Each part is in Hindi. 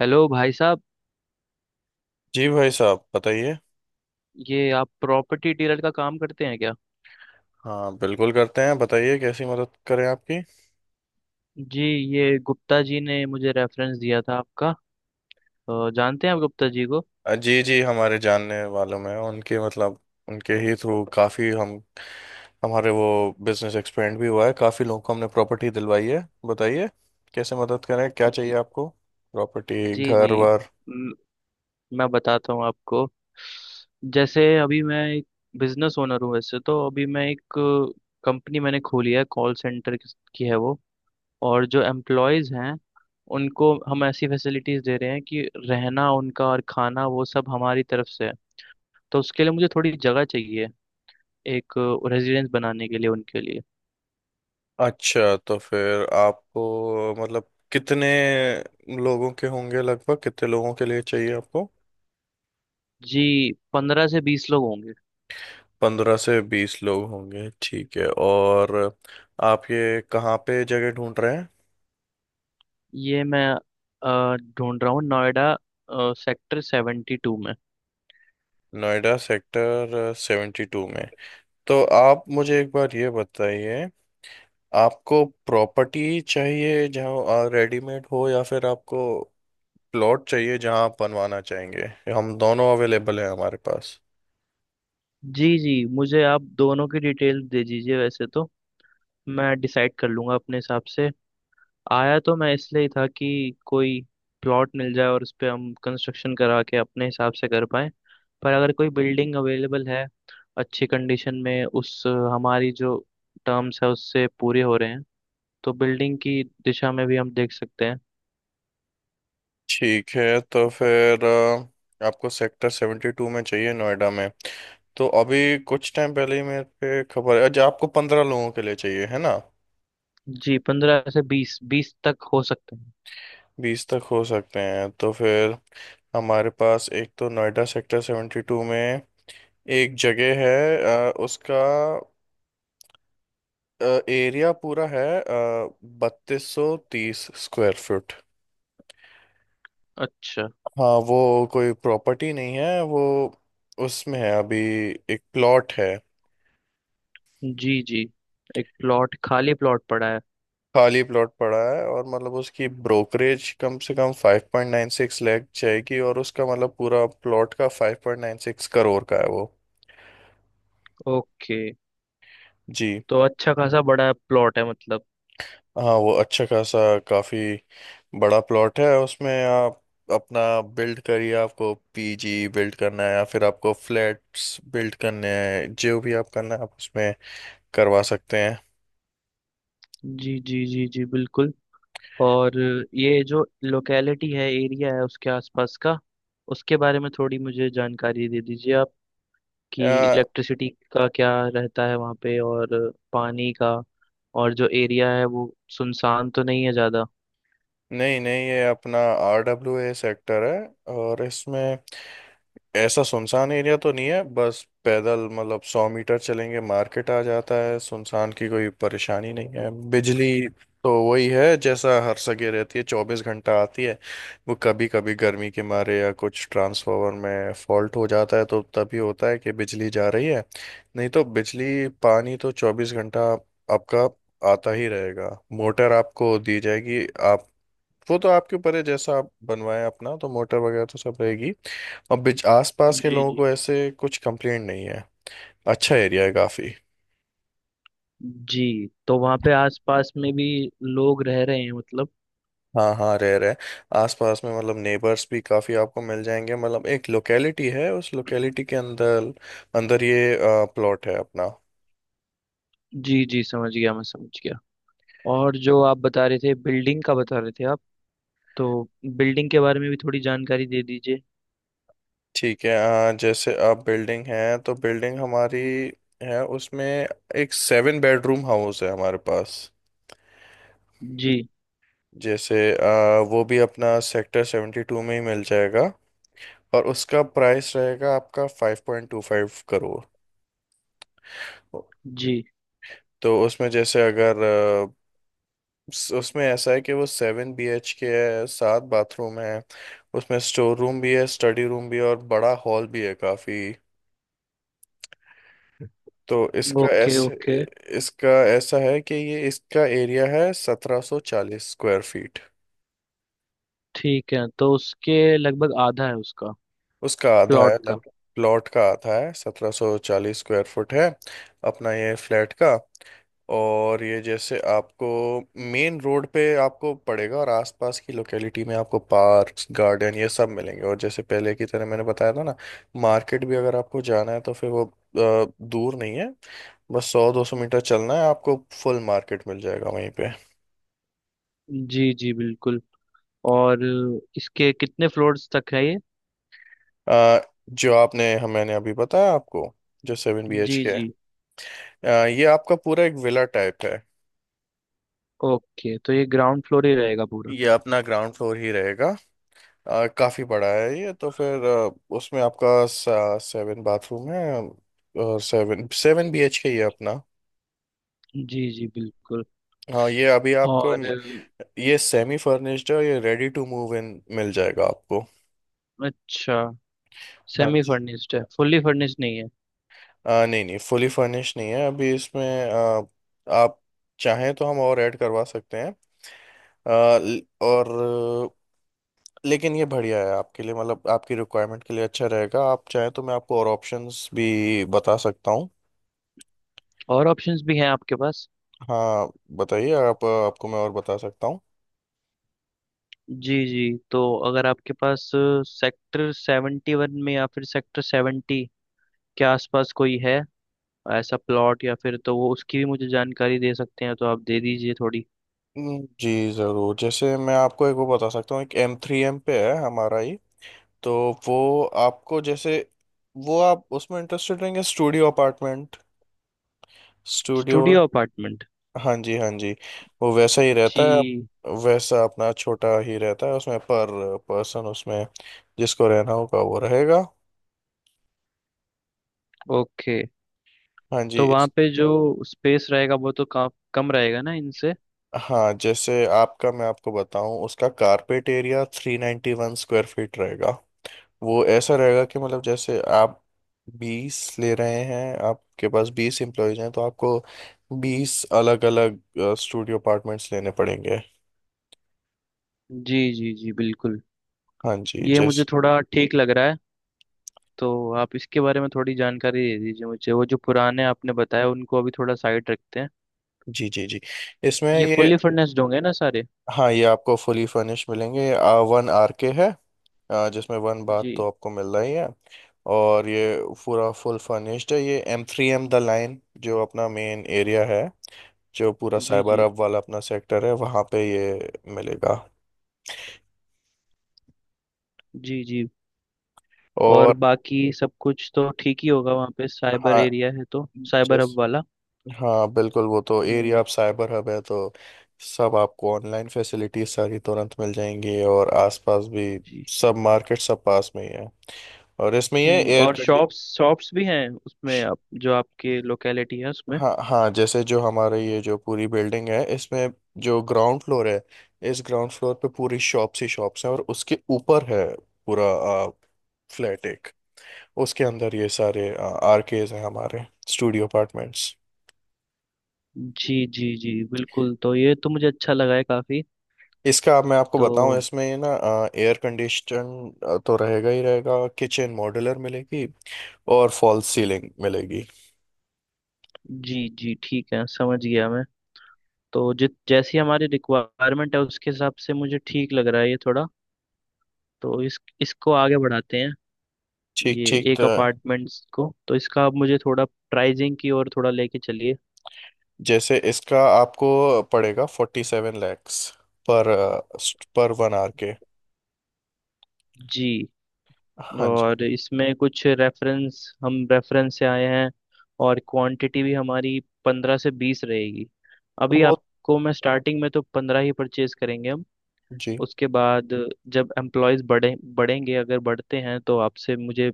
हेलो भाई साहब। जी भाई साहब बताइए। ये आप प्रॉपर्टी डीलर का काम करते हैं क्या। हाँ बिल्कुल करते हैं बताइए कैसी मदद करें आपकी। जी। ये गुप्ता जी ने मुझे रेफरेंस दिया था आपका। जानते हैं आप गुप्ता जी को। जी जी हमारे जानने वालों में उनके मतलब उनके ही थ्रू काफ़ी हम हमारे वो बिजनेस एक्सपेंड भी हुआ है काफ़ी लोगों को हमने प्रॉपर्टी दिलवाई है। बताइए कैसे मदद करें क्या चाहिए ज- आपको प्रॉपर्टी जी जी। घर वर। म- मैं बताता हूँ आपको। जैसे अभी मैं एक बिजनेस ओनर हूँ। वैसे तो अभी मैं एक कंपनी मैंने खोली है, कॉल सेंटर की है वो। और जो एम्प्लॉयज हैं उनको हम ऐसी फैसिलिटीज दे रहे हैं कि रहना उनका और खाना वो सब हमारी तरफ से है। तो उसके लिए मुझे थोड़ी जगह चाहिए, एक रेजिडेंस बनाने के लिए उनके लिए। अच्छा तो फिर आपको मतलब कितने लोगों के होंगे लगभग कितने लोगों के लिए चाहिए आपको। जी, 15 से 20 लोग होंगे। 15 से 20 लोग होंगे ठीक है और आप ये कहाँ पे जगह ढूंढ रहे हैं। ये मैं ढूंढ रहा हूँ नोएडा सेक्टर 72 में। नोएडा सेक्टर 72 में। तो आप मुझे एक बार ये बताइए आपको प्रॉपर्टी चाहिए जहाँ रेडीमेड हो या फिर आपको प्लॉट चाहिए जहाँ आप बनवाना चाहेंगे। हम दोनों अवेलेबल हैं हमारे पास। जी जी, मुझे आप दोनों की डिटेल दे दीजिए, वैसे तो मैं डिसाइड कर लूँगा अपने हिसाब से। आया तो मैं इसलिए ही था कि कोई प्लॉट मिल जाए और उस पर हम कंस्ट्रक्शन करा के अपने हिसाब से कर पाएँ। पर अगर कोई बिल्डिंग अवेलेबल है अच्छी कंडीशन में, हमारी जो टर्म्स है उससे पूरे हो रहे हैं, तो बिल्डिंग की दिशा में भी हम देख सकते हैं। ठीक है तो फिर आपको सेक्टर 72 में चाहिए नोएडा में। तो अभी कुछ टाइम पहले ही मेरे पे खबर है। अच्छा आपको 15 लोगों के लिए चाहिए है ना। जी, 15 से बीस, 20 तक हो सकते हैं। 20 तक हो सकते हैं तो फिर हमारे पास एक तो नोएडा सेक्टर सेवेंटी टू में एक जगह है उसका एरिया पूरा है 3230 स्क्वायर फुट। अच्छा। हाँ वो कोई प्रॉपर्टी नहीं है वो उसमें है अभी एक प्लॉट है। जी जी। एक प्लॉट, खाली प्लॉट पड़ा है। खाली प्लॉट पड़ा है और मतलब उसकी ब्रोकरेज कम से कम 5.96 लैख जाएगी और उसका मतलब पूरा प्लॉट का 5.96 करोड़ का है वो। ओके। जी तो अच्छा खासा बड़ा प्लॉट है मतलब। हाँ वो अच्छा खासा काफी बड़ा प्लॉट है उसमें आप अपना बिल्ड करिए आपको पीजी बिल्ड करना है या फिर आपको फ्लैट्स बिल्ड करने हैं जो भी आप करना है आप उसमें करवा सकते हैं। जी जी जी जी बिल्कुल। और ये जो लोकेलिटी है, एरिया है उसके आसपास का, उसके बारे में थोड़ी मुझे जानकारी दे दीजिए आप। कि या इलेक्ट्रिसिटी का क्या रहता है वहाँ पे, और पानी का। और जो एरिया है वो सुनसान तो नहीं है ज़्यादा। नहीं नहीं ये अपना आरडब्ल्यूए सेक्टर है और इसमें ऐसा सुनसान एरिया तो नहीं है। बस पैदल मतलब 100 मीटर चलेंगे मार्केट आ जाता है। सुनसान की कोई परेशानी नहीं है। बिजली तो वही है जैसा हर जगह रहती है 24 घंटा आती है। वो कभी कभी गर्मी के मारे या कुछ ट्रांसफार्मर में फॉल्ट हो जाता है तो तभी होता है कि बिजली जा रही है। नहीं तो बिजली पानी तो 24 घंटा आपका आता ही रहेगा। मोटर आपको दी जाएगी आप वो तो आपके ऊपर है जैसा आप बनवाएं अपना तो मोटर वगैरह तो सब रहेगी। और बिच आसपास के जी लोगों जी। को ऐसे कुछ कंप्लेंट नहीं है। अच्छा एरिया है काफ़ी। जी, तो वहाँ पे आसपास में भी लोग रह रहे हैं मतलब। हाँ हाँ रह रहे आसपास में मतलब नेबर्स भी काफ़ी आपको मिल जाएंगे। मतलब एक लोकेलिटी है उस लोकेलिटी के अंदर अंदर ये प्लॉट है अपना। जी जी, समझ गया, मैं समझ गया। और जो आप बता रहे थे, बिल्डिंग का बता रहे थे आप, तो बिल्डिंग के बारे में भी थोड़ी जानकारी दे दीजिए। ठीक है जैसे आप बिल्डिंग है तो बिल्डिंग हमारी है उसमें एक 7 बेडरूम हाउस है हमारे पास। जी। जैसे वो भी अपना सेक्टर 72 में ही मिल जाएगा और उसका प्राइस रहेगा आपका 5.25 करोड़। जी। तो उसमें जैसे अगर उसमें ऐसा है कि वो 7 बी एच के है 7 बाथरूम है उसमें स्टोर रूम भी है स्टडी रूम भी है और बड़ा हॉल भी है काफी। तो इसका ओके ऐसे ओके। इसका ऐसा है कि ये इसका एरिया है 1740 स्क्वायर फीट। ठीक है, तो उसके लगभग आधा है उसका। उसका आधा है प्लॉट का। लग प्लॉट का आधा है 1740 स्क्वायर फुट है अपना ये फ्लैट का। और ये जैसे आपको मेन रोड पे आपको पड़ेगा और आसपास की लोकेलिटी में आपको पार्क्स गार्डन ये सब मिलेंगे। और जैसे पहले की तरह मैंने बताया था ना मार्केट भी अगर आपको जाना है तो फिर वो दूर नहीं है। बस 100 200 मीटर चलना है आपको। फुल मार्केट मिल जाएगा वहीं पे। जी जी बिल्कुल। और इसके कितने फ्लोर्स तक है ये। अ, जो आपने हम मैंने अभी बताया आपको जो 7 बी एच जी के है जी। ये आपका पूरा एक विला टाइप है। ओके, तो ये ग्राउंड फ्लोर ही रहेगा पूरा। ये अपना ग्राउंड फ्लोर ही रहेगा काफी बड़ा है ये तो फिर उसमें आपका 7 बाथरूम है और seven seven B H K ही है अपना। जी जी बिल्कुल। हाँ ये अभी आपको और? ये सेमी फर्निश्ड है और ये रेडी टू मूव इन मिल जाएगा आपको। अच्छा। हाँ सेमी जी फर्निश्ड है, फुल्ली फर्निश्ड नहीं है। नहीं नहीं फुली फर्निश नहीं है अभी इसमें। आ, आप चाहें तो हम और ऐड करवा सकते हैं आ, ल- और लेकिन ये बढ़िया है आपके लिए मतलब आपकी रिक्वायरमेंट के लिए अच्छा रहेगा आप चाहें तो मैं आपको और ऑप्शंस भी बता सकता हूँ। और ऑप्शंस भी हैं आपके पास। हाँ बताइए आप आपको मैं और बता सकता हूँ। जी जी। तो अगर आपके पास सेक्टर 71 में या फिर सेक्टर 70 के आसपास कोई है ऐसा प्लॉट या फिर, तो वो, उसकी भी मुझे जानकारी दे सकते हैं तो आप दे दीजिए थोड़ी। जी ज़रूर जैसे मैं आपको एक वो बता सकता हूँ एक एम थ्री एम पे है हमारा ही। तो वो आपको जैसे वो आप उसमें इंटरेस्टेड रहेंगे studio apartment studio. Studio apartment. हाँ जी हाँ जी वो वैसा ही रहता जी। है। वैसा अपना छोटा ही रहता है उसमें पर पर्सन उसमें जिसको रहना होगा वो रहेगा। ओके, हाँ जी तो वहाँ पे जो स्पेस रहेगा वो तो कम रहेगा ना इनसे। हाँ जैसे आपका मैं आपको बताऊं उसका कारपेट एरिया 391 स्क्वायर फीट रहेगा। वो ऐसा रहेगा कि मतलब जैसे आप 20 ले रहे हैं आपके पास 20 एम्प्लॉयज हैं तो आपको 20 अलग अलग स्टूडियो अपार्टमेंट्स लेने पड़ेंगे। जी जी जी बिल्कुल। हाँ जी ये मुझे जैस थोड़ा ठीक लग रहा है। तो आप इसके बारे में थोड़ी जानकारी दे दीजिए मुझे। वो जो पुराने आपने बताया उनको अभी थोड़ा साइड रखते हैं। जी जी जी इसमें ये ये। फुल्ली फर्नेस्ड होंगे ना सारे। हाँ ये आपको फुली फर्निश मिलेंगे। 1 आर के है जिसमें 1 बाथ जी। तो आपको मिल रही है। और ये पूरा फुल फर्निश्ड है ये M three M the line जो अपना मेन एरिया है जो पूरा जी। साइबर जी हब वाला अपना सेक्टर है वहाँ पे ये मिलेगा। जी जी। और और बाकी सब कुछ तो ठीक ही होगा वहाँ पे, साइबर हाँ एरिया है तो। साइबर जैस हब वाला। हाँ बिल्कुल वो तो एरिया हम्म। आप साइबर हब है तो सब आपको ऑनलाइन फैसिलिटीज सारी तुरंत मिल जाएंगी और आसपास भी जी। सब मार्केट सब पास में ही है। और इसमें ये हम्म, एयर और कंडी शॉप्स शॉप्स भी हैं उसमें, जो आपके लोकेलिटी है उसमें। हाँ हाँ जैसे जो हमारे ये जो पूरी बिल्डिंग है इसमें जो ग्राउंड फ्लोर है इस ग्राउंड फ्लोर पे पूरी शॉप्स ही शॉप्स हैं और उसके ऊपर है पूरा फ्लैट एक उसके अंदर ये सारे आरकेज हैं हमारे स्टूडियो अपार्टमेंट्स। जी जी जी बिल्कुल, तो ये तो मुझे अच्छा लगा है काफ़ी। इसका आप मैं आपको बताऊं तो? इसमें ना एयर कंडीशन तो रहेगा ही रहेगा। किचन मॉड्यूलर मिलेगी और फॉल्स सीलिंग मिलेगी। जी जी ठीक है, समझ गया मैं। तो जित जैसी हमारी रिक्वायरमेंट है उसके हिसाब से मुझे ठीक लग रहा है ये थोड़ा। तो इस इसको आगे बढ़ाते हैं। ठीक ये ठीक एक तो अपार्टमेंट्स को, तो इसका आप मुझे थोड़ा प्राइजिंग की ओर थोड़ा लेके चलिए। जैसे इसका आपको पड़ेगा 47 लैक्स पर पर 1 आर के। जी। हाँ जी और इसमें कुछ, रेफरेंस हम रेफरेंस से आए हैं और क्वांटिटी भी हमारी 15 से 20 रहेगी। तो अभी वो आपको मैं स्टार्टिंग में तो 15 ही परचेज करेंगे हम। जी उसके बाद जब एम्प्लॉयज़ बढ़ेंगे, अगर बढ़ते हैं, तो आपसे मुझे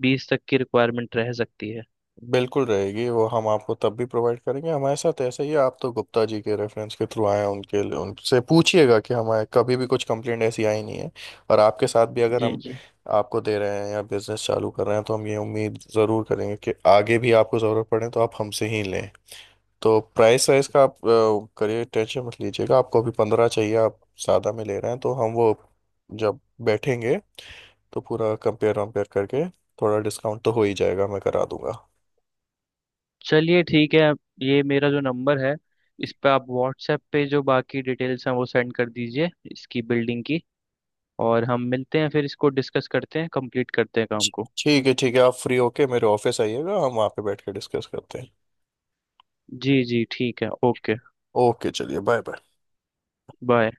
20 तक की रिक्वायरमेंट रह सकती है। बिल्कुल रहेगी वो हम आपको तब भी प्रोवाइड करेंगे। हमारे साथ ऐसा ही है आप तो गुप्ता जी के रेफरेंस के थ्रू आए हैं, उनके लिए उनसे पूछिएगा कि हमारे कभी भी कुछ कंप्लेंट ऐसी आई नहीं है। और आपके साथ भी अगर जी हम जी। आपको दे रहे हैं या बिजनेस चालू कर रहे हैं तो हम ये उम्मीद ज़रूर करेंगे कि आगे भी आपको ज़रूरत पड़े तो आप हमसे ही लें। तो प्राइस वाइज का आप करिए टेंशन मत लीजिएगा। आपको अभी 15 चाहिए आप सादा में ले रहे हैं तो हम वो जब बैठेंगे तो पूरा कंपेयर वम्पेयर करके थोड़ा डिस्काउंट तो हो ही जाएगा मैं करा दूंगा। चलिए ठीक है। ये मेरा जो नंबर है, इस पर आप व्हाट्सएप पे जो बाकी डिटेल्स हैं वो सेंड कर दीजिए, इसकी बिल्डिंग की। और हम मिलते हैं फिर, इसको डिस्कस करते हैं, कंप्लीट करते हैं काम को। ठीक है आप फ्री होके मेरे ऑफिस आइएगा हम वहाँ पे बैठ के डिस्कस करते हैं। जी जी ठीक है ओके। ओके चलिए बाय बाय। बाय।